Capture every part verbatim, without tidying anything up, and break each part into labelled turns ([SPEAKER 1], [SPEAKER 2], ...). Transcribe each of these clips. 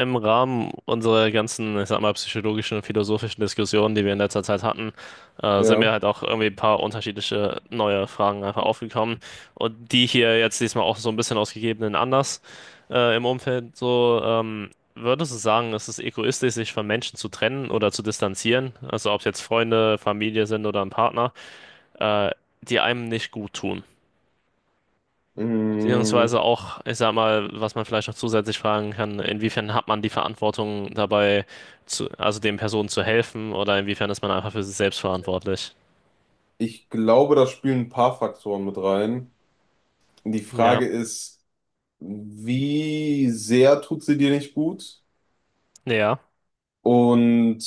[SPEAKER 1] Im Rahmen unserer ganzen, ich sag mal, psychologischen und philosophischen Diskussionen, die wir in letzter Zeit hatten, äh, sind mir
[SPEAKER 2] Ja.
[SPEAKER 1] halt auch irgendwie ein paar unterschiedliche neue Fragen einfach aufgekommen. Und die hier jetzt diesmal auch so ein bisschen aus gegebenen Anlass äh, im Umfeld so, ähm, würdest du sagen, es ist egoistisch, sich von Menschen zu trennen oder zu distanzieren? Also ob es jetzt Freunde, Familie sind oder ein Partner, äh, die einem nicht gut tun.
[SPEAKER 2] Mm,
[SPEAKER 1] Beziehungsweise auch, ich sag mal, was man vielleicht noch zusätzlich fragen kann, inwiefern hat man die Verantwortung dabei, zu, also den Personen zu helfen oder inwiefern ist man einfach für sich selbst verantwortlich?
[SPEAKER 2] Ich glaube, da spielen ein paar Faktoren mit rein. Die Frage
[SPEAKER 1] Ja,
[SPEAKER 2] ist, wie sehr tut sie dir nicht gut?
[SPEAKER 1] ja,
[SPEAKER 2] Und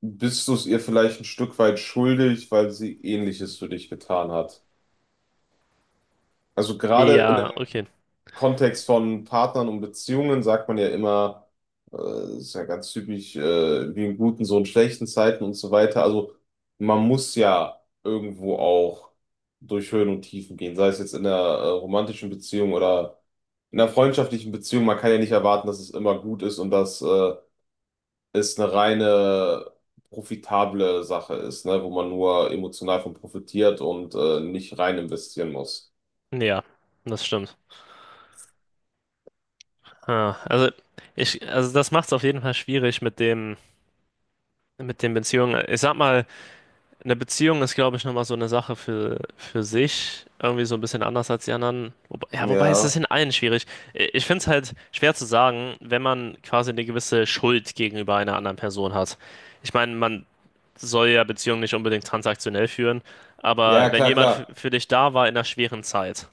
[SPEAKER 2] bist du es ihr vielleicht ein Stück weit schuldig, weil sie Ähnliches für dich getan hat? Also gerade in
[SPEAKER 1] ja, okay,
[SPEAKER 2] Kontext von Partnern und Beziehungen sagt man ja immer, äh, ist ja ganz typisch, äh, wie in guten, so in schlechten Zeiten und so weiter. Also man muss ja irgendwo auch durch Höhen und Tiefen gehen, sei es jetzt in der, äh, romantischen Beziehung oder in der freundschaftlichen Beziehung. Man kann ja nicht erwarten, dass es immer gut ist und dass, äh, es eine reine profitable Sache ist, ne, wo man nur emotional von profitiert und, äh, nicht rein investieren muss.
[SPEAKER 1] ja, das stimmt. Ah, also ich, also das macht es auf jeden Fall schwierig mit dem, mit den Beziehungen. Ich sag mal, eine Beziehung ist, glaube ich, nochmal so eine Sache für, für sich. Irgendwie so ein bisschen anders als die anderen. Wobei, ja, wobei ist das
[SPEAKER 2] Ja,
[SPEAKER 1] in allen schwierig. I- Ich finde es halt schwer zu sagen, wenn man quasi eine gewisse Schuld gegenüber einer anderen Person hat. Ich meine, man soll ja Beziehungen nicht unbedingt transaktionell führen,
[SPEAKER 2] ja,
[SPEAKER 1] aber wenn
[SPEAKER 2] klar,
[SPEAKER 1] jemand
[SPEAKER 2] klar.
[SPEAKER 1] f- für dich da war in einer schweren Zeit,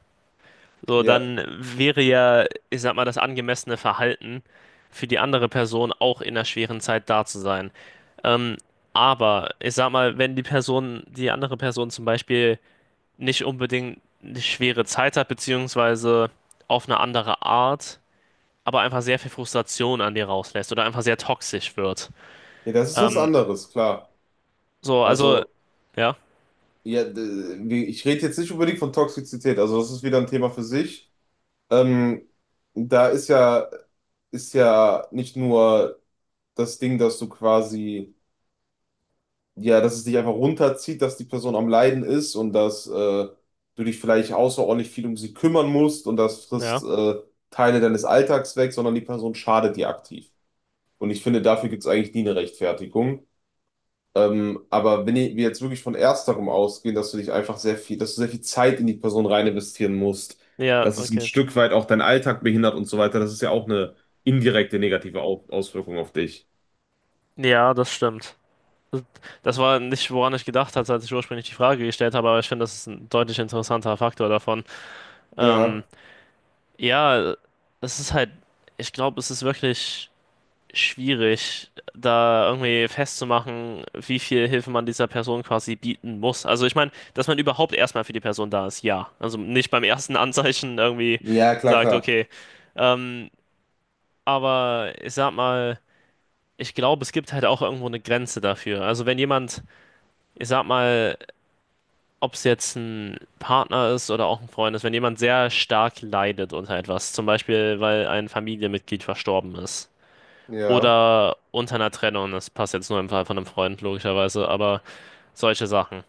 [SPEAKER 1] so
[SPEAKER 2] Ja.
[SPEAKER 1] dann wäre ja, ich sag mal, das angemessene Verhalten für die andere Person auch in einer schweren Zeit da zu sein. Ähm, aber ich sag mal, wenn die Person, die andere Person zum Beispiel nicht unbedingt eine schwere Zeit hat, beziehungsweise auf eine andere Art, aber einfach sehr viel Frustration an dir rauslässt oder einfach sehr toxisch wird.
[SPEAKER 2] Ja, das ist was
[SPEAKER 1] Ähm,
[SPEAKER 2] anderes, klar.
[SPEAKER 1] so, also,
[SPEAKER 2] Also,
[SPEAKER 1] ja,
[SPEAKER 2] ja, d- wie- ich rede jetzt nicht unbedingt von Toxizität, also das ist wieder ein Thema für sich. Ähm, da ist ja, ist ja nicht nur das Ding, dass du quasi, ja, dass es dich einfach runterzieht, dass die Person am Leiden ist und dass äh, du dich vielleicht außerordentlich viel um sie kümmern musst und das frisst
[SPEAKER 1] ja,
[SPEAKER 2] äh, Teile deines Alltags weg, sondern die Person schadet dir aktiv. Und ich finde, dafür gibt es eigentlich nie eine Rechtfertigung. Ähm, aber wenn i- wir jetzt wirklich von ersterem ausgehen, dass du dich einfach sehr viel, dass du sehr viel Zeit in die Person rein investieren musst,
[SPEAKER 1] ja,
[SPEAKER 2] dass es ein
[SPEAKER 1] okay.
[SPEAKER 2] Stück weit auch deinen Alltag behindert und so weiter, das ist ja auch eine indirekte negative Au Auswirkung auf dich.
[SPEAKER 1] Ja, das stimmt. Das war nicht, woran ich gedacht hatte, als ich ursprünglich die Frage gestellt habe, aber ich finde, das ist ein deutlich interessanter Faktor davon. Ähm,
[SPEAKER 2] Ja,
[SPEAKER 1] ja, das ist halt, ich glaube, es ist wirklich schwierig, da irgendwie festzumachen, wie viel Hilfe man dieser Person quasi bieten muss. Also ich meine, dass man überhaupt erstmal für die Person da ist, ja. Also nicht beim ersten Anzeichen irgendwie
[SPEAKER 2] ja, klar,
[SPEAKER 1] sagt,
[SPEAKER 2] klar.
[SPEAKER 1] okay. Ähm, aber ich sag mal, ich glaube, es gibt halt auch irgendwo eine Grenze dafür. Also wenn jemand, ich sag mal, ob es jetzt ein Partner ist oder auch ein Freund ist, wenn jemand sehr stark leidet unter etwas, zum Beispiel, weil ein Familienmitglied verstorben ist.
[SPEAKER 2] Ja,
[SPEAKER 1] Oder unter einer Trennung, das passt jetzt nur im Fall von einem Freund, logischerweise, aber solche Sachen.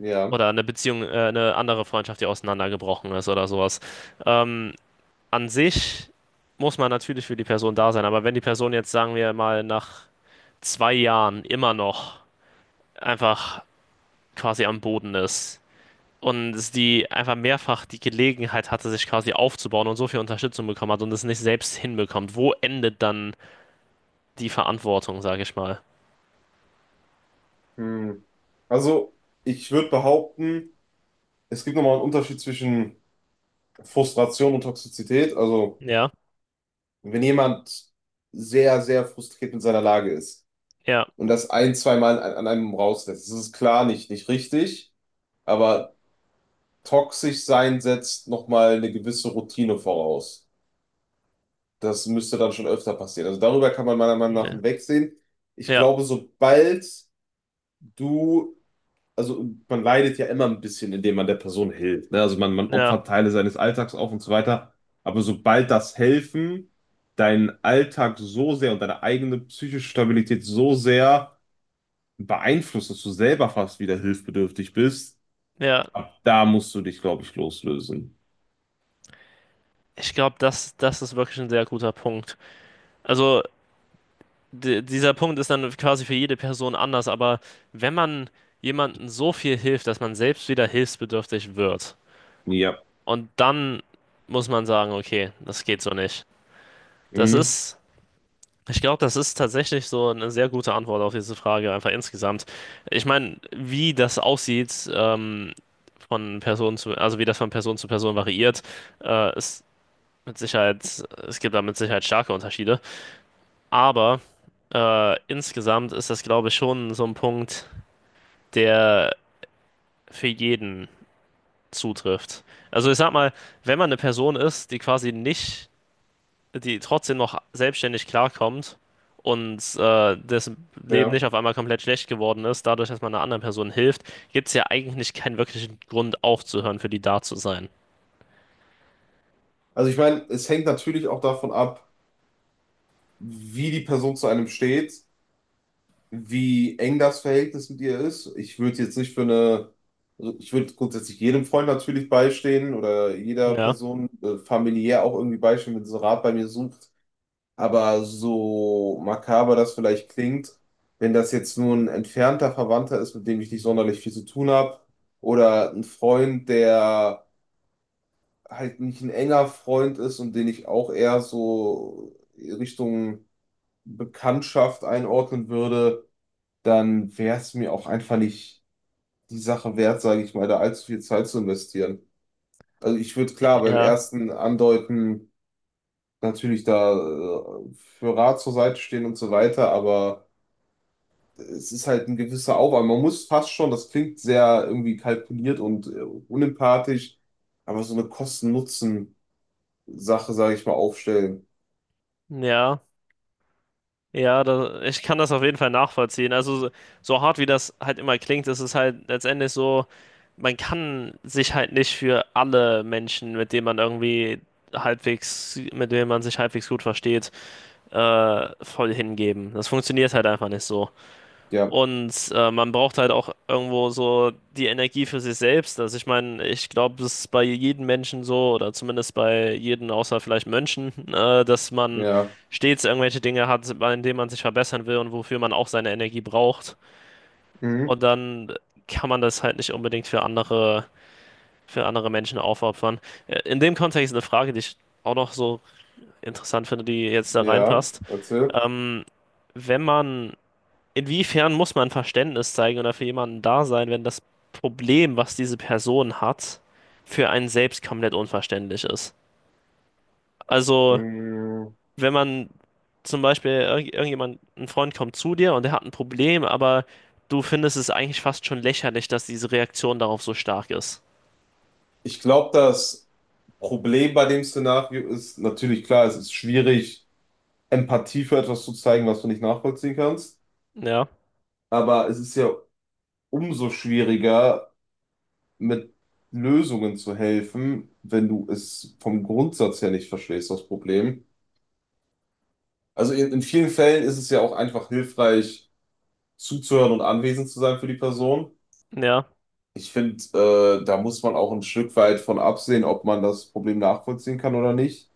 [SPEAKER 2] ja.
[SPEAKER 1] Oder eine Beziehung, äh, eine andere Freundschaft, die auseinandergebrochen ist oder sowas. Ähm, an sich muss man natürlich für die Person da sein, aber wenn die Person jetzt, sagen wir mal, nach zwei Jahren immer noch einfach quasi am Boden ist und es die einfach mehrfach die Gelegenheit hatte, sich quasi aufzubauen und so viel Unterstützung bekommen hat und es nicht selbst hinbekommt, wo endet dann die Verantwortung, sage ich mal?
[SPEAKER 2] Hm. Also, ich würde behaupten, es gibt nochmal einen Unterschied zwischen Frustration und Toxizität. Also,
[SPEAKER 1] Ja,
[SPEAKER 2] wenn jemand sehr, sehr frustriert mit seiner Lage ist,
[SPEAKER 1] ja.
[SPEAKER 2] und das ein, zweimal an, an einem rauslässt. Das ist klar nicht, nicht richtig, aber toxisch sein setzt nochmal eine gewisse Routine voraus. Das müsste dann schon öfter passieren. Also darüber kann man meiner Meinung nach
[SPEAKER 1] Ne.
[SPEAKER 2] hinwegsehen. Ich
[SPEAKER 1] Ja,
[SPEAKER 2] glaube, sobald du, also man leidet ja immer ein bisschen, indem man der Person hilft. Ne? Also man, man
[SPEAKER 1] ja,
[SPEAKER 2] opfert Teile seines Alltags auf und so weiter. Aber sobald das Helfen deinen Alltag so sehr und deine eigene psychische Stabilität so sehr beeinflusst, dass du selber fast wieder hilfsbedürftig bist,
[SPEAKER 1] ja.
[SPEAKER 2] ab da musst du dich, glaube ich, loslösen.
[SPEAKER 1] Ich glaube, das, das ist wirklich ein sehr guter Punkt. Also, di- dieser Punkt ist dann quasi für jede Person anders, aber wenn man jemandem so viel hilft, dass man selbst wieder hilfsbedürftig wird,
[SPEAKER 2] Ja.
[SPEAKER 1] und dann muss man sagen, okay, das geht so nicht. Das
[SPEAKER 2] Mhm.
[SPEAKER 1] ist, ich glaube, das ist tatsächlich so eine sehr gute Antwort auf diese Frage, einfach insgesamt. Ich meine, wie das aussieht, ähm, von Person zu, also wie das von Person zu Person variiert, äh, ist mit Sicherheit, es gibt da mit Sicherheit starke Unterschiede. Aber äh, insgesamt ist das, glaube ich, schon so ein Punkt, der für jeden zutrifft. Also ich sag mal, wenn man eine Person ist, die quasi nicht, die trotzdem noch selbstständig klarkommt und äh, dessen Leben nicht
[SPEAKER 2] Ja.
[SPEAKER 1] auf einmal komplett schlecht geworden ist, dadurch, dass man einer anderen Person hilft, gibt es ja eigentlich keinen wirklichen Grund aufzuhören, für die da zu sein.
[SPEAKER 2] Also ich meine, es hängt natürlich auch davon ab, wie die Person zu einem steht, wie eng das Verhältnis mit ihr ist. Ich würde jetzt nicht für eine, also ich würde grundsätzlich jedem Freund natürlich beistehen oder jeder
[SPEAKER 1] Ja,
[SPEAKER 2] Person äh, familiär auch irgendwie beistehen, wenn sie Rat bei mir sucht. Aber so makaber das vielleicht klingt, wenn das jetzt nur ein entfernter Verwandter ist, mit dem ich nicht sonderlich viel zu tun habe, oder ein Freund, der halt nicht ein enger Freund ist und den ich auch eher so Richtung Bekanntschaft einordnen würde, dann wäre es mir auch einfach nicht die Sache wert, sage ich mal, da allzu viel Zeit zu investieren. Also ich würde klar beim
[SPEAKER 1] ja,
[SPEAKER 2] ersten Andeuten natürlich da äh, für Rat zur Seite stehen und so weiter, aber es ist halt ein gewisser Aufwand. Man muss fast schon, das klingt sehr irgendwie kalkuliert und äh, unempathisch, aber so eine Kosten-Nutzen-Sache, sage ich mal, aufstellen.
[SPEAKER 1] ja. Ja, da, ich kann das auf jeden Fall nachvollziehen. Also so, so hart wie das halt immer klingt, ist es halt letztendlich so, man kann sich halt nicht für alle Menschen, mit denen man irgendwie halbwegs, mit denen man sich halbwegs gut versteht, äh, voll hingeben. Das funktioniert halt einfach nicht so.
[SPEAKER 2] Ja,
[SPEAKER 1] Und äh, man braucht halt auch irgendwo so die Energie für sich selbst. Also ich meine, ich glaube, es ist bei jedem Menschen so, oder zumindest bei jedem außer vielleicht Mönchen, äh, dass man
[SPEAKER 2] ja,
[SPEAKER 1] stets irgendwelche Dinge hat, bei denen man sich verbessern will und wofür man auch seine Energie braucht.
[SPEAKER 2] mhm.
[SPEAKER 1] Und dann kann man das halt nicht unbedingt für andere, für andere Menschen aufopfern. Äh, In dem Kontext eine Frage, die ich auch noch so interessant finde, die jetzt da
[SPEAKER 2] Ja,
[SPEAKER 1] reinpasst.
[SPEAKER 2] erzähl.
[SPEAKER 1] Ähm, wenn man inwiefern muss man Verständnis zeigen oder für jemanden da sein, wenn das Problem, was diese Person hat, für einen selbst komplett unverständlich ist? Also,
[SPEAKER 2] Mhm.
[SPEAKER 1] wenn man zum Beispiel irg irgendjemand, ein Freund kommt zu dir und der hat ein Problem, aber du findest es eigentlich fast schon lächerlich, dass diese Reaktion darauf so stark ist.
[SPEAKER 2] Ich glaube, das Problem bei dem Szenario ist natürlich klar, es ist schwierig, Empathie für etwas zu zeigen, was du nicht nachvollziehen kannst,
[SPEAKER 1] Ja,
[SPEAKER 2] aber es ist ja umso schwieriger, mit Lösungen zu helfen, wenn du es vom Grundsatz her nicht verstehst, das Problem. Also in, in vielen Fällen ist es ja auch einfach hilfreich, zuzuhören und anwesend zu sein für die Person.
[SPEAKER 1] ja.
[SPEAKER 2] Ich finde, äh, da muss man auch ein Stück weit von absehen, ob man das Problem nachvollziehen kann oder nicht.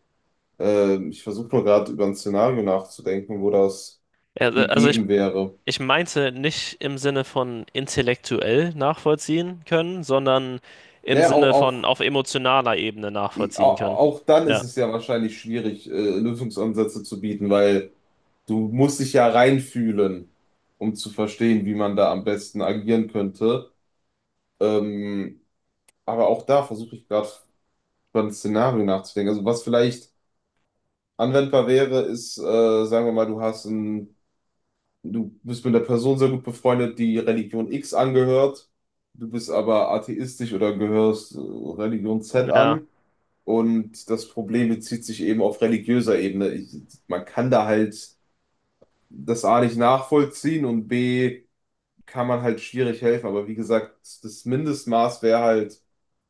[SPEAKER 2] Äh, ich versuche nur gerade über ein Szenario nachzudenken, wo das
[SPEAKER 1] Ja, äh, also ich,
[SPEAKER 2] gegeben wäre.
[SPEAKER 1] ich meinte nicht im Sinne von intellektuell nachvollziehen können, sondern im
[SPEAKER 2] Ja, auch,
[SPEAKER 1] Sinne von
[SPEAKER 2] auch
[SPEAKER 1] auf emotionaler Ebene
[SPEAKER 2] I- au-
[SPEAKER 1] nachvollziehen können.
[SPEAKER 2] auch dann ist
[SPEAKER 1] Ja.
[SPEAKER 2] es ja wahrscheinlich schwierig, äh, Lösungsansätze zu bieten, weil du musst dich ja reinfühlen, um zu verstehen, wie man da am besten agieren könnte. Ähm, aber auch da versuche ich gerade über ein Szenario nachzudenken. Also was vielleicht anwendbar wäre, ist, äh, sagen wir mal, du hast ein, du bist mit einer Person sehr gut befreundet, die Religion X angehört, du bist aber atheistisch oder gehörst äh, Religion Z
[SPEAKER 1] Ja,
[SPEAKER 2] an. Und das Problem bezieht sich eben auf religiöser Ebene. Ich, man kann da halt das A nicht nachvollziehen und B kann man halt schwierig helfen. Aber wie gesagt, das Mindestmaß wäre halt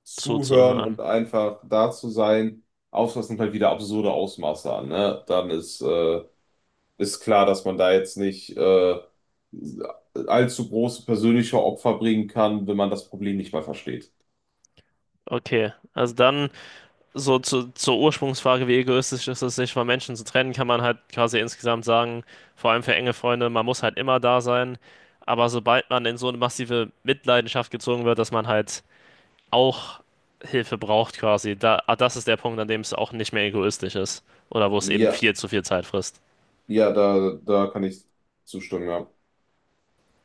[SPEAKER 2] zuhören
[SPEAKER 1] zuzuhören.
[SPEAKER 2] und einfach da zu sein. Ausmaß nimmt halt wieder absurde Ausmaße an, ne? Dann ist, äh, ist klar, dass man da jetzt nicht äh, allzu große persönliche Opfer bringen kann, wenn man das Problem nicht mal versteht.
[SPEAKER 1] Okay, also dann so zu, zur Ursprungsfrage, wie egoistisch ist es, sich von Menschen zu trennen, kann man halt quasi insgesamt sagen, vor allem für enge Freunde, man muss halt immer da sein. Aber sobald man in so eine massive Mitleidenschaft gezogen wird, dass man halt auch Hilfe braucht quasi, da, ah, das ist der Punkt, an dem es auch nicht mehr egoistisch ist oder wo es eben
[SPEAKER 2] Ja,
[SPEAKER 1] viel zu viel Zeit frisst.
[SPEAKER 2] ja, da, da kann ich zustimmen, ja.